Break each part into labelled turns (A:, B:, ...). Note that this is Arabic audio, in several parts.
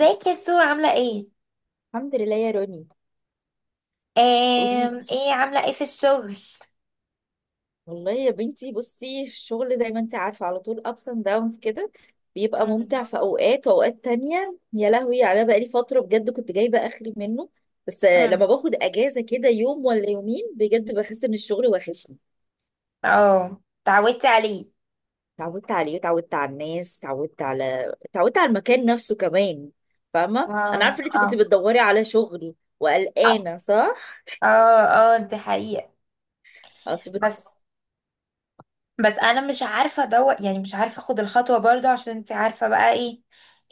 A: ازيك يا سو عاملة ايه؟
B: الحمد لله يا روني. قولي
A: ايه عاملة ايه في الشغل؟
B: والله يا بنتي، بصي الشغل زي ما انت عارفة على طول ups and downs كده. بيبقى
A: مم،
B: ممتع في اوقات، واوقات تانية يا لهوي على بقالي فترة بجد كنت جايبة اخري منه. بس
A: مم.
B: لما باخد اجازة كده يوم ولا يومين بجد بحس ان الشغل وحشني.
A: اه، اتعودتي عليه.
B: اتعودت عليه اتعودت على الناس اتعودت على اتعودت على المكان نفسه كمان. فاهمة، انا
A: اه،
B: عارفة ان انت
A: اه.
B: كنت بتدوري على شغل وقلقانة، صح؟
A: اه، اه، دي حقيقة.
B: انت
A: بس بس انا مش عارفة ادور، يعني مش عارفة اخد الخطوة برضو عشان انت عارفة بقى ايه،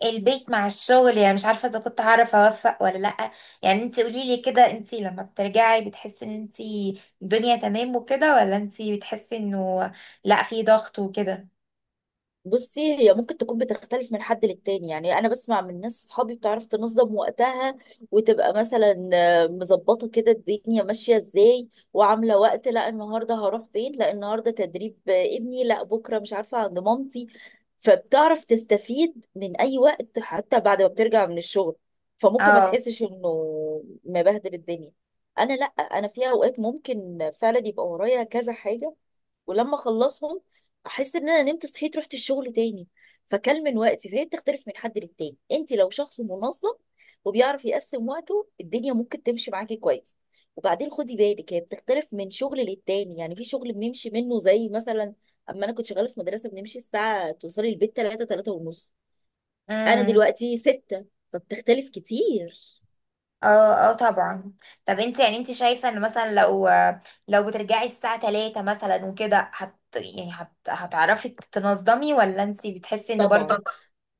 A: البيت مع الشغل. يعني مش عارفة اذا كنت هعرف اوفق ولا لأ. يعني انت قوليلي كده، انت لما بترجعي بتحسي ان انت الدنيا تمام وكده، ولا انت بتحسي انه لأ، في ضغط وكده؟
B: بصي، هي ممكن تكون بتختلف من حد للتاني. يعني انا بسمع من ناس صحابي بتعرف تنظم وقتها وتبقى مثلا مظبطه كده الدنيا ماشيه ازاي وعامله وقت، لا النهارده هروح فين، لا النهارده تدريب ابني، لا بكره مش عارفه عند مامتي. فبتعرف تستفيد من اي وقت حتى بعد ما بترجع من الشغل. فممكن ما تحسش انه مبهدل الدنيا. انا لا، انا في اوقات ممكن فعلا يبقى ورايا كذا حاجه، ولما اخلصهم احس ان انا نمت صحيت رحت الشغل تاني. فكل من وقتي، فهي بتختلف من حد للتاني. انت لو شخص منظم وبيعرف يقسم وقته الدنيا ممكن تمشي معاكي كويس. وبعدين خدي بالك، هي بتختلف من شغل للتاني. يعني في شغل بنمشي منه زي مثلا اما انا كنت شغاله في مدرسه بنمشي الساعه توصلي البيت 3، 3 ونص. انا
A: اه،
B: دلوقتي 6. فبتختلف كتير.
A: اه، اه، طبعا. طب انت يعني انت شايفة ان مثلا لو بترجعي الساعة 3 مثلا وكده، هت يعني هت هتعرفي تنظمي ولا انت بتحسي ان برضو؟
B: طبعا،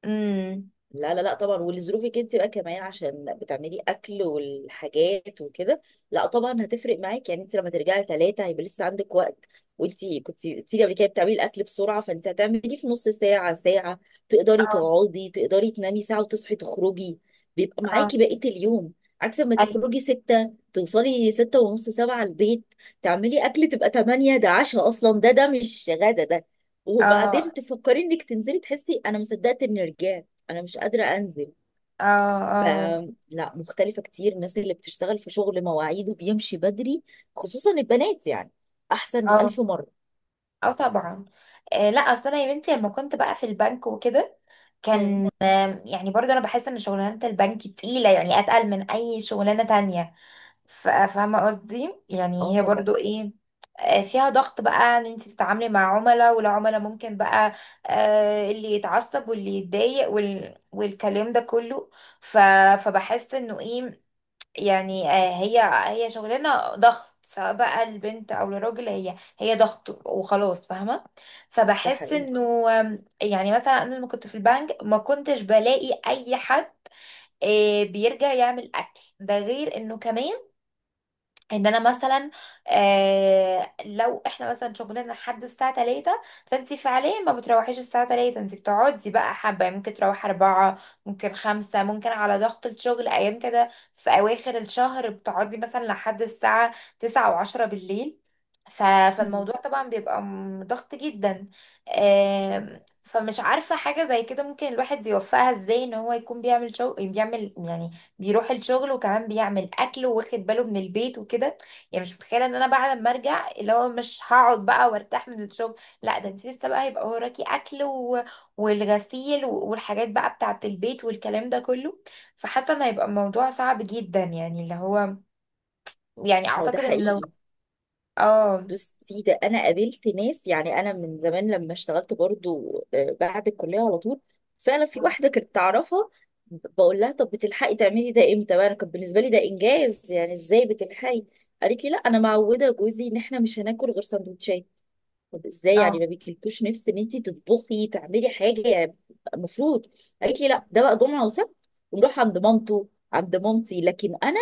A: امم.
B: لا لا لا طبعا. ولظروفك انت بقى كمان عشان بتعملي اكل والحاجات وكده، لا طبعا هتفرق معاك. يعني انت لما ترجعي 3 هيبقى لسه عندك وقت. وانت كنت قلتي لي قبل كده بتعملي الاكل بسرعة، فانت هتعمليه في نص ساعة ساعة، تقدري
A: اه،
B: تقعدي، تقدري تنامي ساعة وتصحي تخرجي. بيبقى
A: اه،
B: معاكي بقية اليوم. عكس ما
A: اي،
B: تخرجي 6 توصلي 6 ونص 7 البيت، تعملي اكل تبقى 8، ده عشاء اصلا ده مش غدا ده.
A: اه،
B: وبعدين تفكري انك تنزلي، تحسي انا مصدقت اني رجعت، انا مش قادره انزل.
A: اه، اه،
B: فلا، مختلفه كتير. الناس اللي بتشتغل في شغل مواعيده بيمشي بدري، خصوصا البنات يعني، احسن
A: اه،
B: الف مره.
A: اه، طبعا. آه، لا اصل انا يا بنتي لما كنت بقى في البنك وكده
B: مم.
A: كان يعني برضو انا بحس ان شغلانة البنك تقيلة، يعني اتقل من اي شغلانة تانية. فاهمة قصدي؟
B: اه
A: يعني هي
B: طبعا.
A: برضو ايه، فيها ضغط بقى، ان انت تتعاملي مع عملاء، والعملاء ممكن بقى اللي يتعصب واللي يتضايق والكلام ده كله. ف... فبحس انه ايه، يعني هي هي شغلانه ضغط، سواء بقى البنت او الراجل، هي هي ضغط وخلاص، فاهمه.
B: ده
A: فبحس
B: حقيقي.
A: انه يعني مثلا انا لما كنت في البنك ما كنتش بلاقي اي حد بيرجع يعمل اكل، ده غير انه كمان ان انا مثلا، آه لو احنا مثلا شغلنا لحد الساعه 3 فانت فعليا ما بتروحيش الساعه 3، انت بتقعدي بقى حبه، يعني ممكن تروحي 4، ممكن 5، ممكن على ضغط الشغل ايام كده في اواخر الشهر بتقعدي مثلا لحد الساعه 9 و10 بالليل. ف...
B: مم.
A: فالموضوع طبعا بيبقى ضغط جدا. آه، فمش عارفه حاجه زي كده ممكن الواحد يوفقها ازاي، ان هو يكون بيعمل شغل، بيعمل يعني بيروح الشغل، وكمان بيعمل اكل واخد باله من البيت وكده. يعني مش متخيله ان انا بعد ما ارجع اللي هو مش هقعد بقى وارتاح من الشغل، لا ده انت لسه بقى هيبقى وراكي اكل والغسيل والحاجات بقى بتاعه البيت والكلام ده كله. فحاسه ان هيبقى الموضوع صعب جدا، يعني اللي هو يعني
B: هو ده
A: اعتقد ان لو.
B: حقيقي.
A: اه.
B: بصي ده انا قابلت ناس. يعني انا من زمان لما اشتغلت برضو بعد الكليه على طول، فعلا في واحده كنت اعرفها بقول لها طب بتلحقي تعملي ده امتى بقى، انا كان بالنسبه لي ده انجاز، يعني ازاي بتلحقي. قالت لي لا انا معوده جوزي ان احنا مش هناكل غير سندوتشات. طب ازاي،
A: اه،
B: يعني ما بيجيلكوش نفس ان انت تطبخي تعملي حاجه، المفروض. قالت لي لا، ده بقى جمعه وسبت ونروح عند مامته، عند مامتي، لكن انا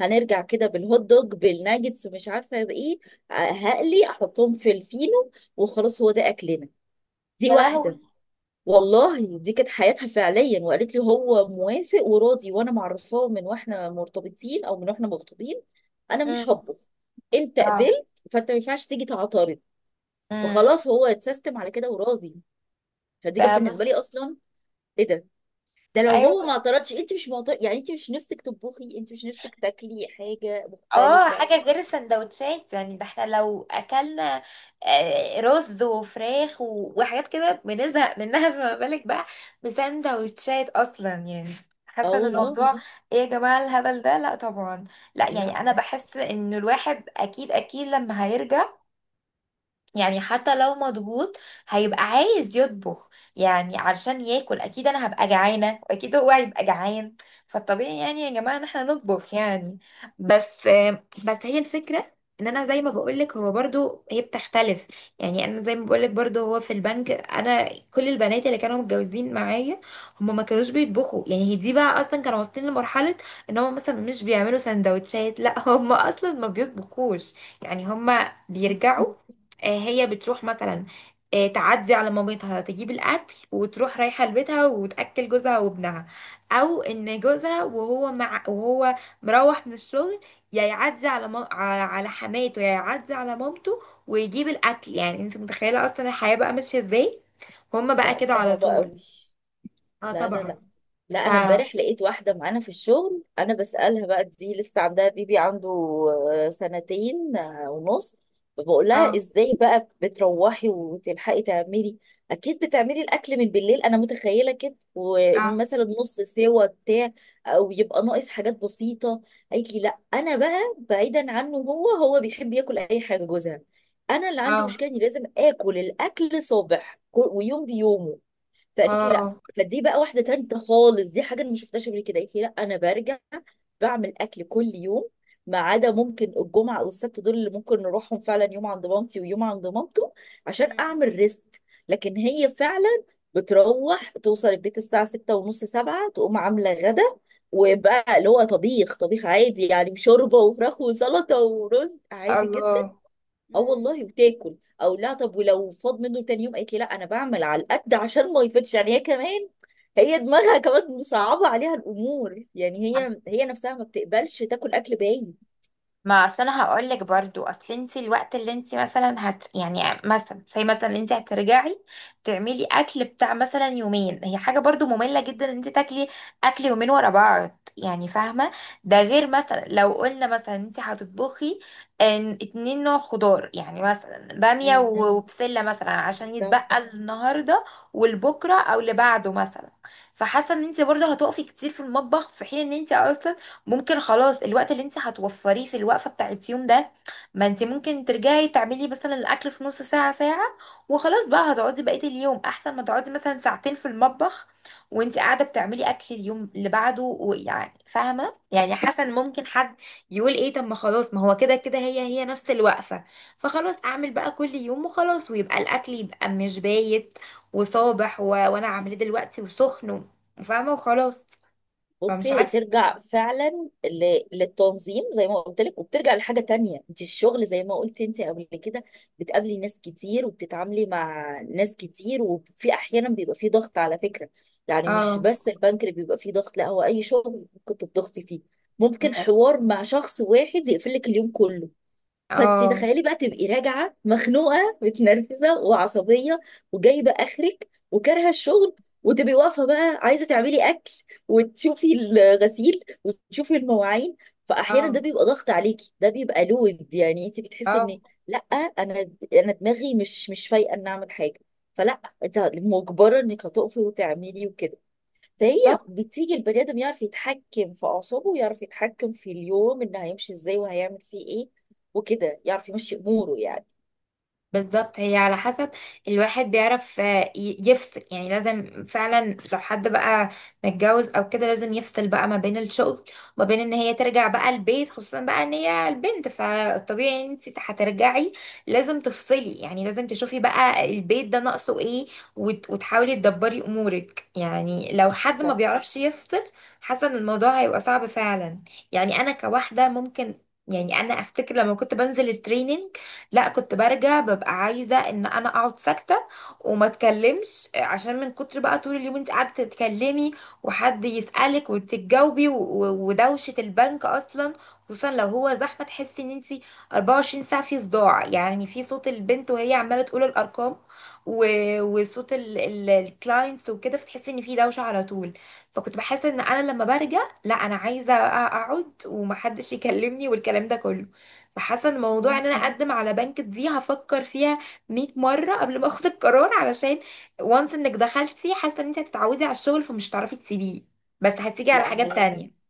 B: هنرجع كده بالهوت دوج بالناجتس مش عارفه بايه، هقلي احطهم في الفينو وخلاص، هو ده اكلنا. دي
A: يا
B: واحده.
A: لهوي.
B: والله دي كانت حياتها فعليا. وقالت لي هو موافق وراضي، وانا معرفاه من واحنا مرتبطين او من واحنا مخطوبين انا مش
A: امم.
B: هطبخ، انت
A: اه.
B: قبلت فانت ما ينفعش تيجي تعترض.
A: امم.
B: فخلاص هو اتسيستم على كده وراضي. فدي كانت
A: ده مش...
B: بالنسبه لي اصلا، ايه ده؟ ده لو
A: ايوه.
B: هو ما اعترضش، انت مش معترض، يعني انت مش نفسك تطبخي، انت مش نفسك تاكلي حاجه
A: اه،
B: مختلفه.
A: حاجة غير السندوتشات. يعني ده احنا لو اكلنا رز وفراخ وحاجات كده بنزهق منها فما بالك بقى بسندوتشات اصلا، يعني
B: اه
A: حاسة ان
B: والله.
A: الموضوع أوكي. ايه يا جماعة الهبل ده؟ لا طبعا. لا
B: لا،
A: يعني انا بحس ان الواحد اكيد اكيد لما هيرجع، يعني حتى لو مضغوط هيبقى عايز يطبخ، يعني علشان ياكل. اكيد انا هبقى جعانه واكيد هو هيبقى جعان، فالطبيعي يعني يا جماعه ان احنا نطبخ، يعني. بس بس هي الفكره، ان انا زي ما بقولك هو برضو هي بتختلف. يعني انا زي ما بقولك برضو، هو في البنك انا كل البنات اللي كانوا متجوزين معايا هم ما كانوش بيطبخوا. يعني هي دي بقى اصلا كانوا واصلين لمرحله ان هم مثلا مش بيعملوا سندوتشات، لا هم اصلا ما بيطبخوش، يعني هم بيرجعوا. هي بتروح مثلا تعدي على مامتها تجيب الاكل وتروح رايحه لبيتها وتاكل جوزها وابنها، او ان جوزها وهو مروح من الشغل، يا يعدي على على حماته، يا يعدي على مامته ويجيب الاكل. يعني انت متخيله اصلا الحياه بقى ماشيه ازاي، هما بقى
B: لا دي
A: كده على
B: صعبه
A: طول.
B: قوي.
A: اه،
B: لا لا لا.
A: طبعا.
B: لا انا
A: اه،
B: امبارح لقيت واحده معانا في الشغل، انا بسالها بقى، دي لسه عندها بيبي عنده سنتين ونص. فبقول لها ازاي بقى بتروحي وتلحقي تعملي، اكيد بتعملي الاكل من بالليل، انا متخيله كده،
A: اه،
B: ومثلا نص سوا بتاع او يبقى ناقص حاجات بسيطه. قالت لي لا، انا بقى بعيدا عنه، هو بيحب ياكل اي حاجه جوزها، انا اللي عندي
A: اه،
B: مشكله اني لازم اكل الاكل صبح ويوم بيومه. فقالت لي لا.
A: اه.
B: فدي بقى واحده تالته خالص، دي حاجه انا ما شفتهاش قبل كده. قالت لي لا انا برجع بعمل اكل كل يوم، ما عدا ممكن الجمعه او السبت دول اللي ممكن نروحهم فعلا، يوم عند مامتي ويوم عند مامته عشان
A: مم.
B: اعمل ريست. لكن هي فعلا بتروح توصل البيت الساعه 6 ونص 7، تقوم عامله غدا. وبقى اللي هو طبيخ، طبيخ عادي يعني، شوربه وفراخ وسلطه ورز عادي جدا.
A: الله.
B: اه
A: مم.
B: والله، وتاكل. او لا، طب ولو فاض منه تاني يوم؟ قالت لي لا انا بعمل على القد عشان ما يفيدش. يعني هي كمان، هي دماغها كمان مصعبه عليها الامور، يعني هي هي نفسها ما بتقبلش تاكل اكل باين.
A: ما اصل انا هقول لك برضو، اصل انت الوقت اللي انت مثلا يعني مثلا زي مثلا انت هترجعي تعملي اكل بتاع مثلا يومين، هي حاجه برضو ممله جدا، ان انت تاكلي اكل يومين ورا بعض، يعني فاهمه. ده غير مثلا لو قلنا مثلا انت هتطبخي اتنين نوع خضار، يعني مثلا باميه وبسله مثلا، عشان
B: امم.
A: يتبقى النهارده والبكره او اللي بعده مثلا. فحاسه ان انت برضو هتقفي كتير في المطبخ، في حين ان انت اصلا ممكن خلاص. الوقت اللي انت هتوفريه في الوقفه بتاعت يوم ده، ما انت ممكن ترجعي تعملي مثلا الاكل في نص ساعه ساعه وخلاص بقى، هتقعدي بقيه اليوم، احسن ما تقعدي مثلا ساعتين في المطبخ وانت قاعده بتعملي اكل اليوم اللي بعده. ويعني فاهمه؟ يعني حسن ممكن حد يقول ايه، طب ما خلاص ما هو كده كده هي هي نفس الوقفه، فخلاص اعمل بقى كل يوم وخلاص، ويبقى الاكل يبقى مش بايت وصابح وانا عاملاه دلوقتي وسخن فاهمه وخلاص.
B: بصي
A: فمش
B: هي
A: عارفه.
B: ترجع فعلا للتنظيم زي ما قلت لك، وبترجع لحاجه تانية. انت الشغل زي ما قلت انت قبل كده، بتقابلي ناس كتير وبتتعاملي مع ناس كتير، وفي احيانا بيبقى في ضغط على فكره. يعني مش
A: اه،
B: بس البنك اللي بيبقى فيه ضغط، لا، هو اي شغل ممكن تضغطي فيه. ممكن حوار مع شخص واحد يقفل لك اليوم كله. فانت
A: اه،
B: تخيلي بقى تبقي راجعه مخنوقه متنرفزه وعصبيه وجايبه اخرك وكارهه الشغل، وتبقي واقفه بقى عايزه تعملي اكل وتشوفي الغسيل وتشوفي المواعين. فاحيانا
A: اه،
B: ده بيبقى ضغط عليكي، ده بيبقى لود، يعني انت بتحسي
A: اه.
B: ان لا، انا انا دماغي مش فايقه ان اعمل حاجه. فلا، انت مجبره انك هتقفي وتعملي وكده. فهي
A: بالظبط.
B: بتيجي البني ادم يعرف يتحكم في اعصابه ويعرف يتحكم في اليوم ان هيمشي ازاي وهيعمل فيه ايه وكده، يعرف يمشي اموره يعني.
A: بالظبط هي على حسب. الواحد بيعرف يفصل. يعني لازم فعلا لو حد بقى متجوز او كده لازم يفصل بقى ما بين الشغل وما بين ان هي ترجع بقى البيت، خصوصا بقى ان هي البنت، فالطبيعي ان انت هترجعي لازم تفصلي. يعني لازم تشوفي بقى البيت ده ناقصه ايه، وتحاولي تدبري امورك. يعني لو حد ما
B: صح
A: بيعرفش يفصل، حاسه ان الموضوع هيبقى صعب فعلا. يعني انا كواحده ممكن، يعني انا افتكر لما كنت بنزل التريننج، لا كنت برجع ببقى عايزة ان انا اقعد ساكتة وما اتكلمش، عشان من كتر بقى طول اليوم انت قاعدة تتكلمي وحد يسألك وتتجاوبي، ودوشة البنك اصلا، خصوصا لو هو زحمة، تحسي ان انت 24 ساعة في صداع، يعني في صوت البنت وهي عمالة تقول الارقام وصوت الكلاينتس وكده، فتحسي ان في دوشة على طول. فكنت بحس ان انا لما برجع، لا انا عايزة اقعد ومحدش يكلمني والكلام ده كله. فحاسه ان موضوع
B: صح.
A: ان انا اقدم على بنك دي هفكر فيها 100 مره قبل ما اخد القرار، علشان وانس انك دخلتي حاسه ان انت هتتعودي على الشغل فمش هتعرفي تسيبيه، بس هتيجي على
B: لا
A: حاجات لا
B: هو
A: تانية.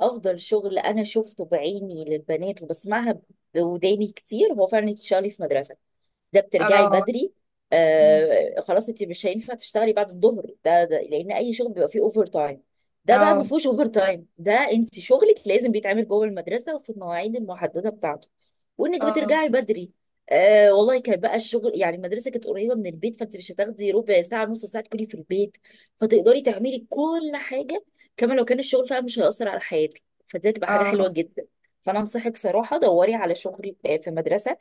B: افضل شغل انا شفته بعيني للبنات وبسمعها بوداني كتير هو فعلا تشتغلي في مدرسه. ده بترجعي
A: اه،
B: بدري. خلاص، انت مش هينفع تشتغلي بعد الظهر ده, لان اي شغل بيبقى فيه اوفر تايم، ده بقى ما
A: اه،
B: فيهوش اوفر تايم، ده انت شغلك لازم بيتعمل جوه المدرسه وفي المواعيد المحدده بتاعته. وانك
A: اه،
B: بترجعي بدري. والله كان بقى الشغل يعني، المدرسه كانت قريبه من البيت، فانت مش هتاخدي ربع ساعه نص ساعه تكوني في البيت، فتقدري تعملي كل حاجه. كما لو كان الشغل فعلا مش هيأثر على حياتك، فدي هتبقى حاجه حلوه
A: اه.
B: جدا. فانا انصحك صراحه دوري على شغل في مدرسه،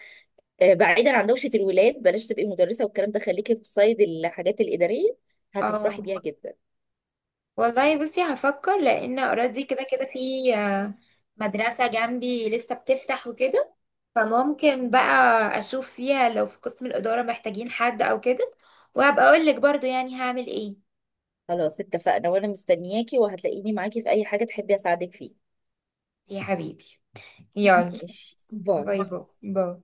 B: بعيدا عن دوشه الولاد، بلاش تبقي مدرسه والكلام ده، خليكي في صيد الحاجات الاداريه، هتفرحي
A: اه
B: بيها جدا.
A: والله، بصي هفكر لان اوريدي كده كده في آه، مدرسه جنبي لسه بتفتح وكده، فممكن بقى اشوف فيها لو في قسم الاداره محتاجين حد او كده، وهبقى اقول لك برضو يعني هعمل ايه.
B: خلاص اتفقنا، وانا مستنياكي، وهتلاقيني معاكي في اي حاجه تحبي اساعدك فيها.
A: يا حبيبي. يلا.
B: ماشي، باي.
A: باي، باي. باي.